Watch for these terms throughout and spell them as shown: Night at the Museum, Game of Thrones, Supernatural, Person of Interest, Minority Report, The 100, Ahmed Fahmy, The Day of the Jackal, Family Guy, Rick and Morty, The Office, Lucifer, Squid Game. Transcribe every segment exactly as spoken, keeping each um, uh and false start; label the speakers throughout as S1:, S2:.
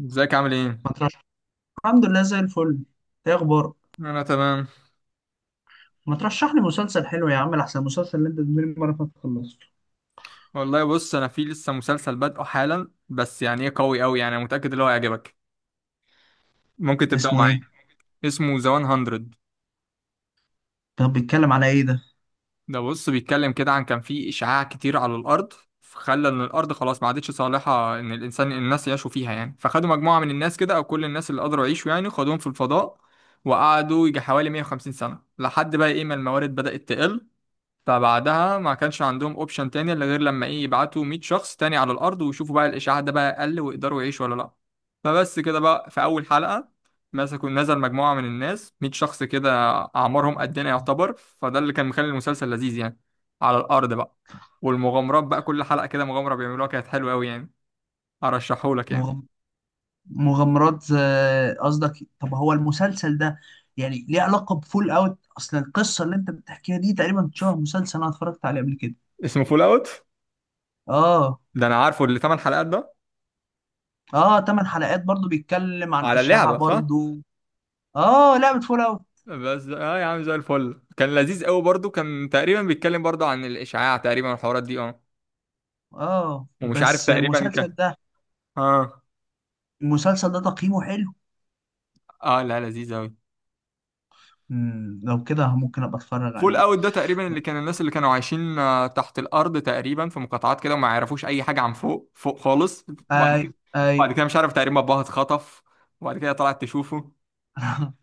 S1: ازيك عامل ايه؟
S2: ما ترشح الحمد لله زي الفل. ايه اخبارك؟
S1: انا تمام.
S2: ما ترشح لي مسلسل حلو يا عم، احسن المسلسل اللي انت بتقولي المره اللي فاتت خلصته.
S1: والله بص، انا في لسه مسلسل بادئه حالا، بس يعني ايه قوي قوي، يعني انا متاكد ان هو هيعجبك. ممكن
S2: ده
S1: تبداوا
S2: اسمه
S1: معايا.
S2: ايه؟
S1: اسمه ذا هاندرد.
S2: طب بيتكلم على ايه ده؟
S1: ده بص بيتكلم كده عن كان في اشعاع كتير على الارض، خلى ان الارض خلاص ما عادتش صالحه ان الانسان الناس يعيشوا فيها، يعني فخدوا مجموعه من الناس كده، او كل الناس اللي قدروا يعيشوا يعني خدوهم في الفضاء. وقعدوا يجي حوالي مية وخمسين سنة سنه، لحد بقى ايه ما الموارد بدات تقل. فبعدها ما كانش عندهم اوبشن تاني الا غير لما ايه يبعتوا 100 شخص تاني على الارض ويشوفوا بقى الاشعاع ده بقى قل ويقدروا يعيشوا ولا لا. فبس كده بقى في اول حلقة مسكوا نزل مجموعة من الناس، 100 شخص كده، اعمارهم قدنا يعتبر. فده اللي كان مخلي المسلسل لذيذ يعني، على الارض بقى. والمغامرات بقى كل حلقة كده مغامرة بيعملوها كانت حلوة قوي يعني، ارشحهولك يعني.
S2: مغم... مغامرات، آه، قصدك. طب هو المسلسل ده يعني ليه علاقه بفول اوت؟ اصل القصه اللي انت بتحكيها دي تقريبا شبه مسلسل انا اتفرجت عليه قبل كده.
S1: اسمه فول اوت.
S2: اه.
S1: ده انا عارفه اللي 8 حلقات ده.
S2: اه، تمن حلقات برضو بيتكلم عن
S1: على
S2: اشاعه
S1: اللعبة صح.
S2: برضو. اه، لعبه فول اوت.
S1: بس اه يا عم زي الفل، كان لذيذ قوي برضو، كان تقريبا بيتكلم برضو عن الاشعاع تقريبا والحوارات دي اه.
S2: اه
S1: ومش عارف
S2: بس
S1: تقريبا
S2: المسلسل
S1: كان.
S2: ده،
S1: اه.
S2: المسلسل ده تقييمه حلو؟
S1: اه لا لذيذ قوي.
S2: مم، لو كده ممكن ابقى اتفرج
S1: فول
S2: عليه.
S1: اوت ده تقريبا اللي كان الناس اللي كانوا عايشين آه، تحت الارض تقريبا في مقاطعات كده وما يعرفوش اي حاجه عن فوق فوق خالص. وبعد كده
S2: ايوه ايوه.
S1: وبعد كده مش عارف تقريبا باباها اتخطف، وبعد كده طلعت تشوفه.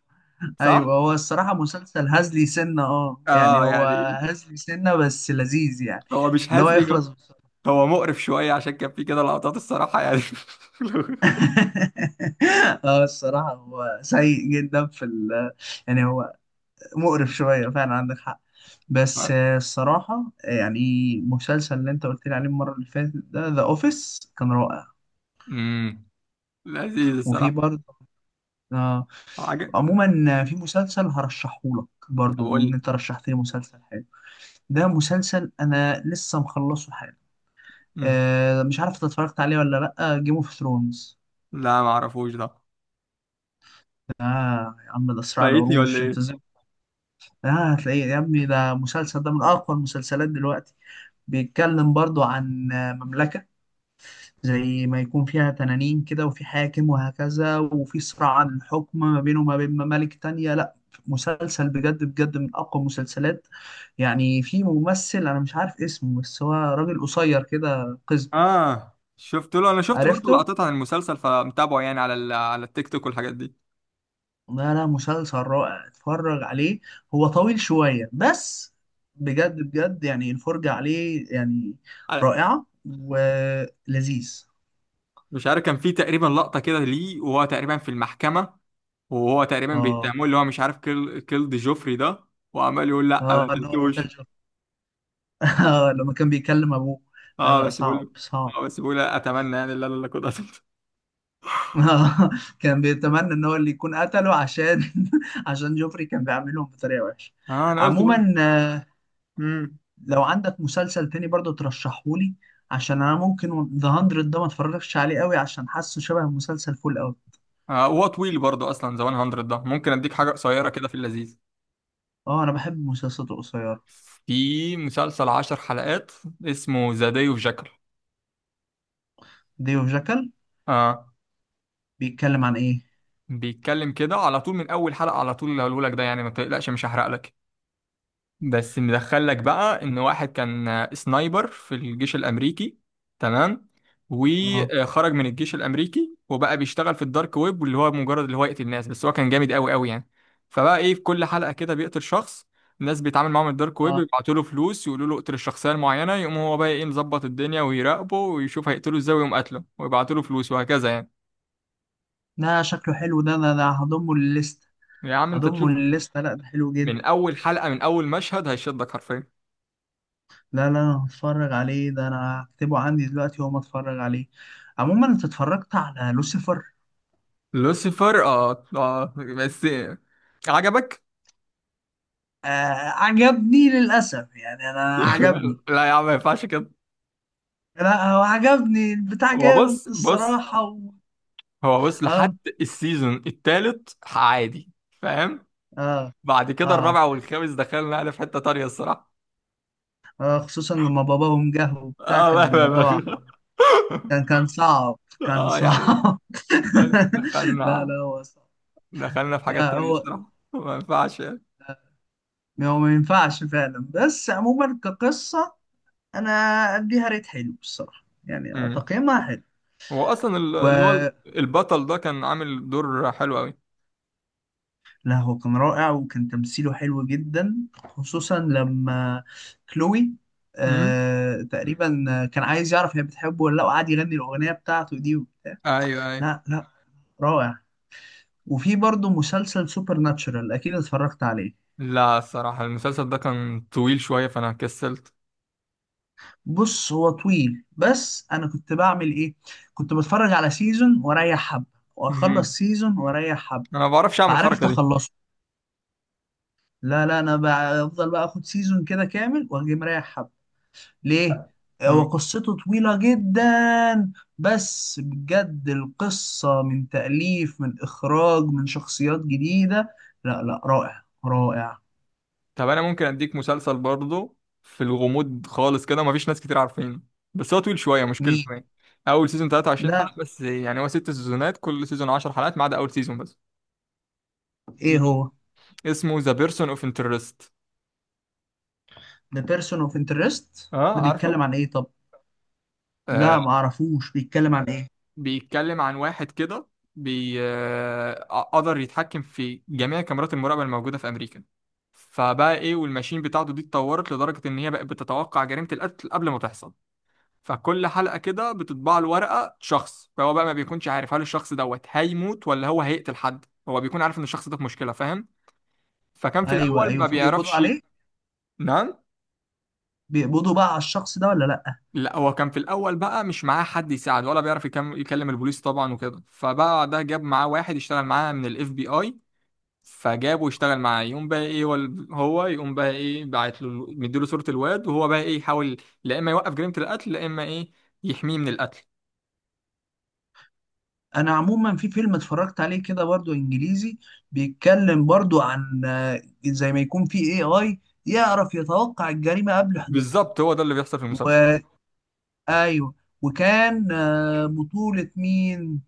S2: ايوه،
S1: صح.
S2: هو الصراحه مسلسل هزلي سنه، اه يعني
S1: اه
S2: هو
S1: يعني.
S2: هزلي سنه بس لذيذ يعني،
S1: هو مش
S2: اللي هو
S1: هزلي.
S2: يخلص بسرعه.
S1: هو مقرف شويه عشان كان في كده لقطات الصراحه يعني.
S2: اه الصراحه هو سيء جدا في ال يعني هو مقرف شويه فعلا، عندك حق. بس آه، الصراحه يعني المسلسل اللي انت قلت لي عليه المره اللي فاتت ده، ذا اوفيس، كان رائع.
S1: امم، لذيذ
S2: وفي
S1: الصراحه.
S2: برضه آه. عموما آه، في مسلسل هرشحهولك
S1: طب
S2: برضه،
S1: قول
S2: من
S1: لي.
S2: انت رشحت لي مسلسل حلو. ده مسلسل انا لسه مخلصه حالا.
S1: مم.
S2: آه، مش عارف انت اتفرجت عليه ولا لا؟ جيم اوف ثرونز.
S1: لا ما اعرفوش ده.
S2: يا عم، ده صراع
S1: فايتني ولا
S2: العروش، انت
S1: ايه.
S2: ازاي؟ آه. هتلاقيه يا ابني، ده مسلسل، ده من اقوى المسلسلات دلوقتي. بيتكلم برضو عن آه، مملكة زي ما يكون فيها تنانين كده، وفي حاكم وهكذا، وفي صراع عن الحكم ما بينه وما بين ممالك تانية. لا، مسلسل بجد بجد من اقوى المسلسلات. يعني في ممثل انا مش عارف اسمه، بس هو راجل قصير كده قزم.
S1: اه شفت له، انا شفت برضو
S2: عرفته.
S1: لقطات عن المسلسل فمتابعه يعني على ال... على التيك توك والحاجات دي.
S2: لا لا، مسلسل رائع، اتفرج عليه. هو طويل شوية بس بجد بجد يعني الفرجة عليه يعني
S1: على...
S2: رائعة ولذيذ.
S1: مش عارف كان في تقريبا لقطة كده ليه وهو تقريبا في المحكمة، وهو تقريبا
S2: اه.
S1: بيتهموه اللي هو مش عارف كيل كيلد جوفري ده. وعمال يقول لا ما
S2: اه، إن هو
S1: قتلتوش.
S2: قتل- آه، لما كان بيكلم ابوه. لا
S1: اه
S2: لا،
S1: بس
S2: صعب
S1: بقول اه
S2: صعب.
S1: بس بقول اتمنى يعني لا لا لا كنت قتلت.
S2: كان بيتمنى ان هو اللي يكون قتله عشان عشان جوفري كان بيعاملهم بطريقة وحشة.
S1: اه انا قلت بقى.
S2: عموما آه،
S1: امم.
S2: لو عندك مسلسل تاني برضه ترشحهولي، عشان انا ممكن ذا 100 ده ما اتفرجش عليه قوي عشان حاسه شبه مسلسل فول قوي.
S1: آه هو طويل برضو اصلا ذا هاندرد ده، ممكن اديك حاجة قصيرة
S2: اه.
S1: كده في اللذيذ.
S2: آه، انا بحب المسلسلات القصيرة.
S1: في مسلسل عشر حلقات، اسمه ذا داي اوف جاكل.
S2: ديو جاكل،
S1: اه
S2: بيتكلم عن ايه؟
S1: بيتكلم كده على طول من اول حلقة، على طول اللي هقوله لك ده يعني ما تقلقش مش هحرق لك. بس مدخل لك بقى ان واحد كان سنايبر في الجيش الامريكي، تمام.
S2: اه.
S1: وخرج من الجيش الامريكي وبقى بيشتغل في الدارك ويب، واللي هو مجرد اللي هو يقتل الناس، بس هو كان جامد قوي قوي يعني. فبقى ايه في كل حلقة كده بيقتل شخص. الناس بيتعامل معاهم الدارك ويب،
S2: اه،
S1: بيبعتوا له فلوس يقولوا له اقتل الشخصية المعينة، يقوم هو بقى ايه مظبط الدنيا ويراقبه ويشوف هيقتله ازاي، ويقوم قاتله ويبعتوا له فلوس وهكذا يعني.
S2: ده شكله حلو، ده ده, ده هضمه للليست.
S1: يا عم انت
S2: هضمه
S1: تشوف،
S2: للليست، لا ده حلو
S1: من
S2: جدا.
S1: اول حلقة من اول مشهد هيشدك حرفيا.
S2: لا لا انا هتفرج عليه، ده انا هكتبه عندي دلوقتي وما اتفرج عليه. عموما انت اتفرجت على لوسيفر؟
S1: لوسيفر، اه اه بس. عجبك؟
S2: آه. عجبني للاسف يعني، انا عجبني.
S1: لا يا عم ما ينفعش كده.
S2: لا هو عجبني، البتاع
S1: هو
S2: جامد
S1: بص بص
S2: الصراحة، و...
S1: هو بص
S2: اه.
S1: لحد السيزون التالت عادي. فاهم؟
S2: اه.
S1: بعد كده
S2: اه،
S1: الرابع والخامس دخلنا يعني في حتة تانية الصراحة.
S2: آه، خصوصا لما باباهم جه وبتاع
S1: اه
S2: كان
S1: بقى بقى
S2: الموضوع.
S1: بقى.
S2: كان كان صعب. كان
S1: اه يعني.
S2: صعب. لا لا
S1: دخلنا
S2: هو صعب.
S1: دخلنا في حاجات
S2: لا،
S1: تانية
S2: هو
S1: الصراحة ما ينفعش يعني.
S2: هو ما ينفعش فعلا، بس عموما كقصة أنا أديها ريت حلو الصراحة يعني
S1: امم.
S2: تقييمها حلو.
S1: هو اصلا ال- اللي هو
S2: و
S1: البطل ده كان عامل دور حلو قوي.
S2: لا هو كان رائع، وكان تمثيله حلو جدا خصوصا لما كلوي،
S1: امم.
S2: آه تقريبا، كان عايز يعرف هي بتحبه ولا لا، وقعد يغني الأغنية بتاعته دي وبتاع.
S1: ايوه.
S2: لا لا رائع. وفي برضه مسلسل سوبر ناتشورال، أكيد اتفرجت عليه.
S1: لا الصراحة المسلسل ده كان طويل شوية فأنا كسلت.
S2: بص هو طويل، بس انا كنت بعمل ايه، كنت بتفرج على سيزون واريح حبه، واخلص
S1: مم.
S2: سيزون واريح حبه،
S1: أنا ما بعرفش أعمل
S2: فعرفت
S1: الحركة دي.
S2: اخلصه. لا لا انا بفضل بقى اخد سيزون كده كامل واجي مريح حبه. ليه؟ هو
S1: مم.
S2: قصته طويله جدا. بس بجد القصه من تاليف من اخراج من شخصيات جديده، لا لا رائع رائع.
S1: طب أنا ممكن أديك مسلسل برضه، في الغموض خالص كده مفيش ناس كتير عارفينه، بس هو طويل شوية مشكلته
S2: مين
S1: يعني. أول سيزون 23
S2: ده؟
S1: حلقة بس، يعني هو ست سيزونات، كل سيزون 10 حلقات، ما عدا أول سيزون بس.
S2: ايه
S1: مم.
S2: هو؟
S1: اسمه ذا بيرسون اوف انترست.
S2: ده بيرسون اوف انترست.
S1: أه
S2: ده
S1: عارفه؟
S2: بيتكلم عن ايه طب؟
S1: آه،
S2: لا ما اعرفوش، بيتكلم عن ايه؟
S1: بيتكلم عن واحد كده، بي آه، آه، قدر يتحكم في جميع كاميرات المراقبة الموجودة في أمريكا. فبقى إيه، والماشين بتاعته دي اتطورت لدرجة إن هي بقت بتتوقع جريمة القتل قبل ما تحصل. فكل حلقة كده بتطبع له ورقة شخص، فهو بقى ما بيكونش عارف هل الشخص دوت هيموت ولا هو هيقتل حد، هو بيكون عارف إن الشخص ده في مشكلة، فاهم. فكان في
S2: ايوه
S1: الأول
S2: ايوه،
S1: ما
S2: فبيقبضوا
S1: بيعرفش.
S2: عليه.
S1: نعم.
S2: بيقبضوا بقى على الشخص ده ولا لا؟
S1: لا هو كان في الاول بقى مش معاه حد يساعد، ولا بيعرف يكم- يكلم البوليس طبعا وكده، فبقى ده جاب معاه واحد يشتغل معاه من الاف بي اي، فجابه يشتغل معاه، يقوم بقى ايه هو هو يقوم بقى ايه باعت له مديله صورة الواد، وهو بقى ايه يحاول لا اما يوقف جريمة القتل، لا اما ايه يحميه من القتل.
S2: انا عموما في فيلم اتفرجت عليه كده برضو انجليزي، بيتكلم برضو عن آه، زي ما يكون في اي اي يعرف يتوقع الجريمة قبل حدوثها.
S1: بالظبط هو ده اللي بيحصل في المسلسل.
S2: و... ايوه. وكان آه، بطولة مين؟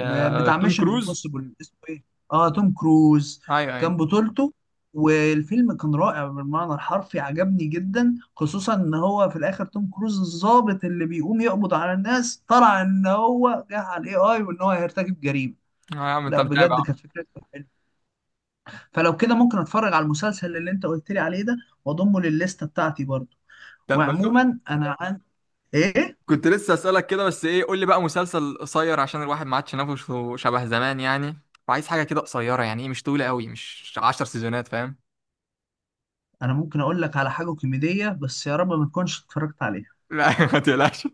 S2: م- بتاع
S1: توم
S2: ميشن
S1: كروز.
S2: امبوسيبل اسمه ايه؟ اه، توم كروز
S1: ايوه ايوه.
S2: كان بطولته. والفيلم كان رائع بالمعنى الحرفي، عجبني جدا، خصوصا ان هو في الاخر توم كروز الضابط اللي بيقوم يقبض على الناس طلع ان هو جه على الاي اي وان هو هيرتكب جريمه.
S1: آه، يا عم انت
S2: لا بجد
S1: متابع.
S2: كانت فكرته حلوه. فلو كده ممكن اتفرج على المسلسل اللي انت قلت لي عليه ده واضمه للليسته بتاعتي برضه.
S1: طب ما تو-.
S2: وعموما انا عن ايه.
S1: كنت لسه اسالك كده، بس ايه قول لي بقى مسلسل قصير عشان الواحد ما عادش نفسه شبه زمان يعني، وعايز حاجة كده قصيرة يعني ايه، مش طويلة قوي، مش 10 سيزونات فاهم.
S2: انا ممكن اقول لك على حاجه كوميديه، بس يا رب ما تكونش اتفرجت عليها.
S1: لا ما تقلقش.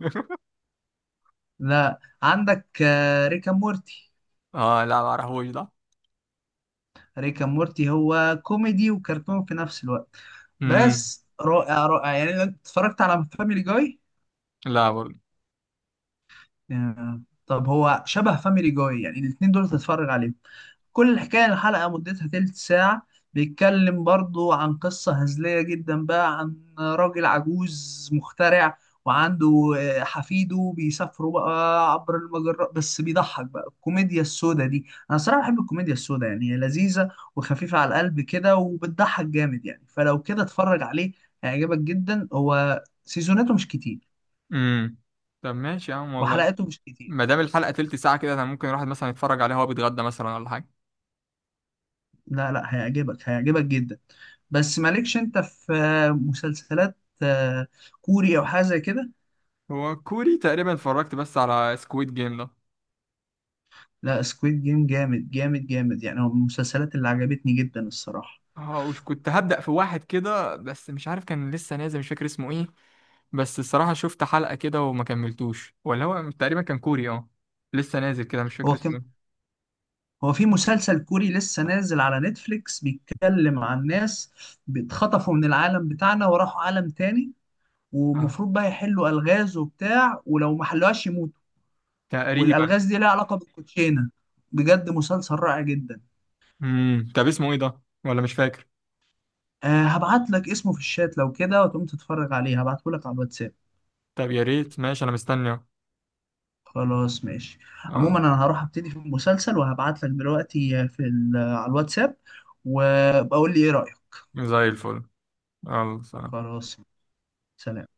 S2: لا، عندك آه، ريكا مورتي.
S1: اه لا ما اعرفوش ده.
S2: ريكا مورتي هو كوميدي وكرتون في نفس الوقت،
S1: امم.
S2: بس رائع رائع يعني. أنا اتفرجت على فاميلي جاي،
S1: لا.
S2: آه، طب هو شبه فاميلي جاي، يعني الاتنين دول تتفرج عليهم. كل الحكاية الحلقة مدتها تلت ساعة. بيتكلم برضو عن قصة هزلية جدا بقى عن راجل عجوز مخترع، وعنده آه، حفيده، بيسافروا بقى عبر المجرات. بس بيضحك بقى، الكوميديا السوداء دي انا صراحة بحب الكوميديا السوداء، يعني هي لذيذة وخفيفة على القلب كده وبتضحك جامد يعني. فلو كده اتفرج عليه هيعجبك جدا، هو سيزوناته مش كتير
S1: امم طب ماشي يا عم والله.
S2: وحلقاته مش كتير.
S1: ما دام الحلقة تلت ساعة كده، انا ممكن الواحد مثلا يتفرج عليها وهو بيتغدى مثلا ولا حاجة.
S2: لا لا هيعجبك هيعجبك جدا. بس مالكش انت في آه، مسلسلات آه، كوري او حاجه زي كده؟
S1: هو كوري تقريبا، اتفرجت بس على سكويد جيم ده.
S2: لا سكويد جيم جامد جامد جامد، يعني هو من المسلسلات اللي عجبتني جدا الصراحه.
S1: اه وش كنت هبدأ في واحد كده، بس مش عارف كان لسه نازل مش فاكر اسمه ايه، بس الصراحة شفت حلقة كده وما كملتوش، ولا هو تقريبا كان كوري اه، لسه نازل كده مش فاكر
S2: هو
S1: اسمه
S2: كان
S1: ايه.
S2: هو في مسلسل كوري لسه نازل على نتفليكس، بيتكلم عن ناس اتخطفوا من العالم بتاعنا وراحوا عالم تاني،
S1: اه
S2: ومفروض بقى يحلوا الغاز وبتاع، ولو ما حلوهاش يموتوا.
S1: تقريبا.
S2: والالغاز دي لها علاقه بالكوتشينه. بجد مسلسل رائع جدا.
S1: امم، طب اسمه ايه ده ولا مش فاكر.
S2: أه هبعت لك اسمه في الشات لو كده، وتقوم تتفرج عليه، هبعته لك على الواتساب.
S1: طب يا ريت ماشي، انا مستني اهو.
S2: خلاص ماشي.
S1: اه.
S2: عموما انا هروح ابتدي في المسلسل وهبعت لك دلوقتي في ال- على الواتساب، وبقول لي ايه رأيك.
S1: زي الفل، يلا سلام.
S2: خلاص، سلام.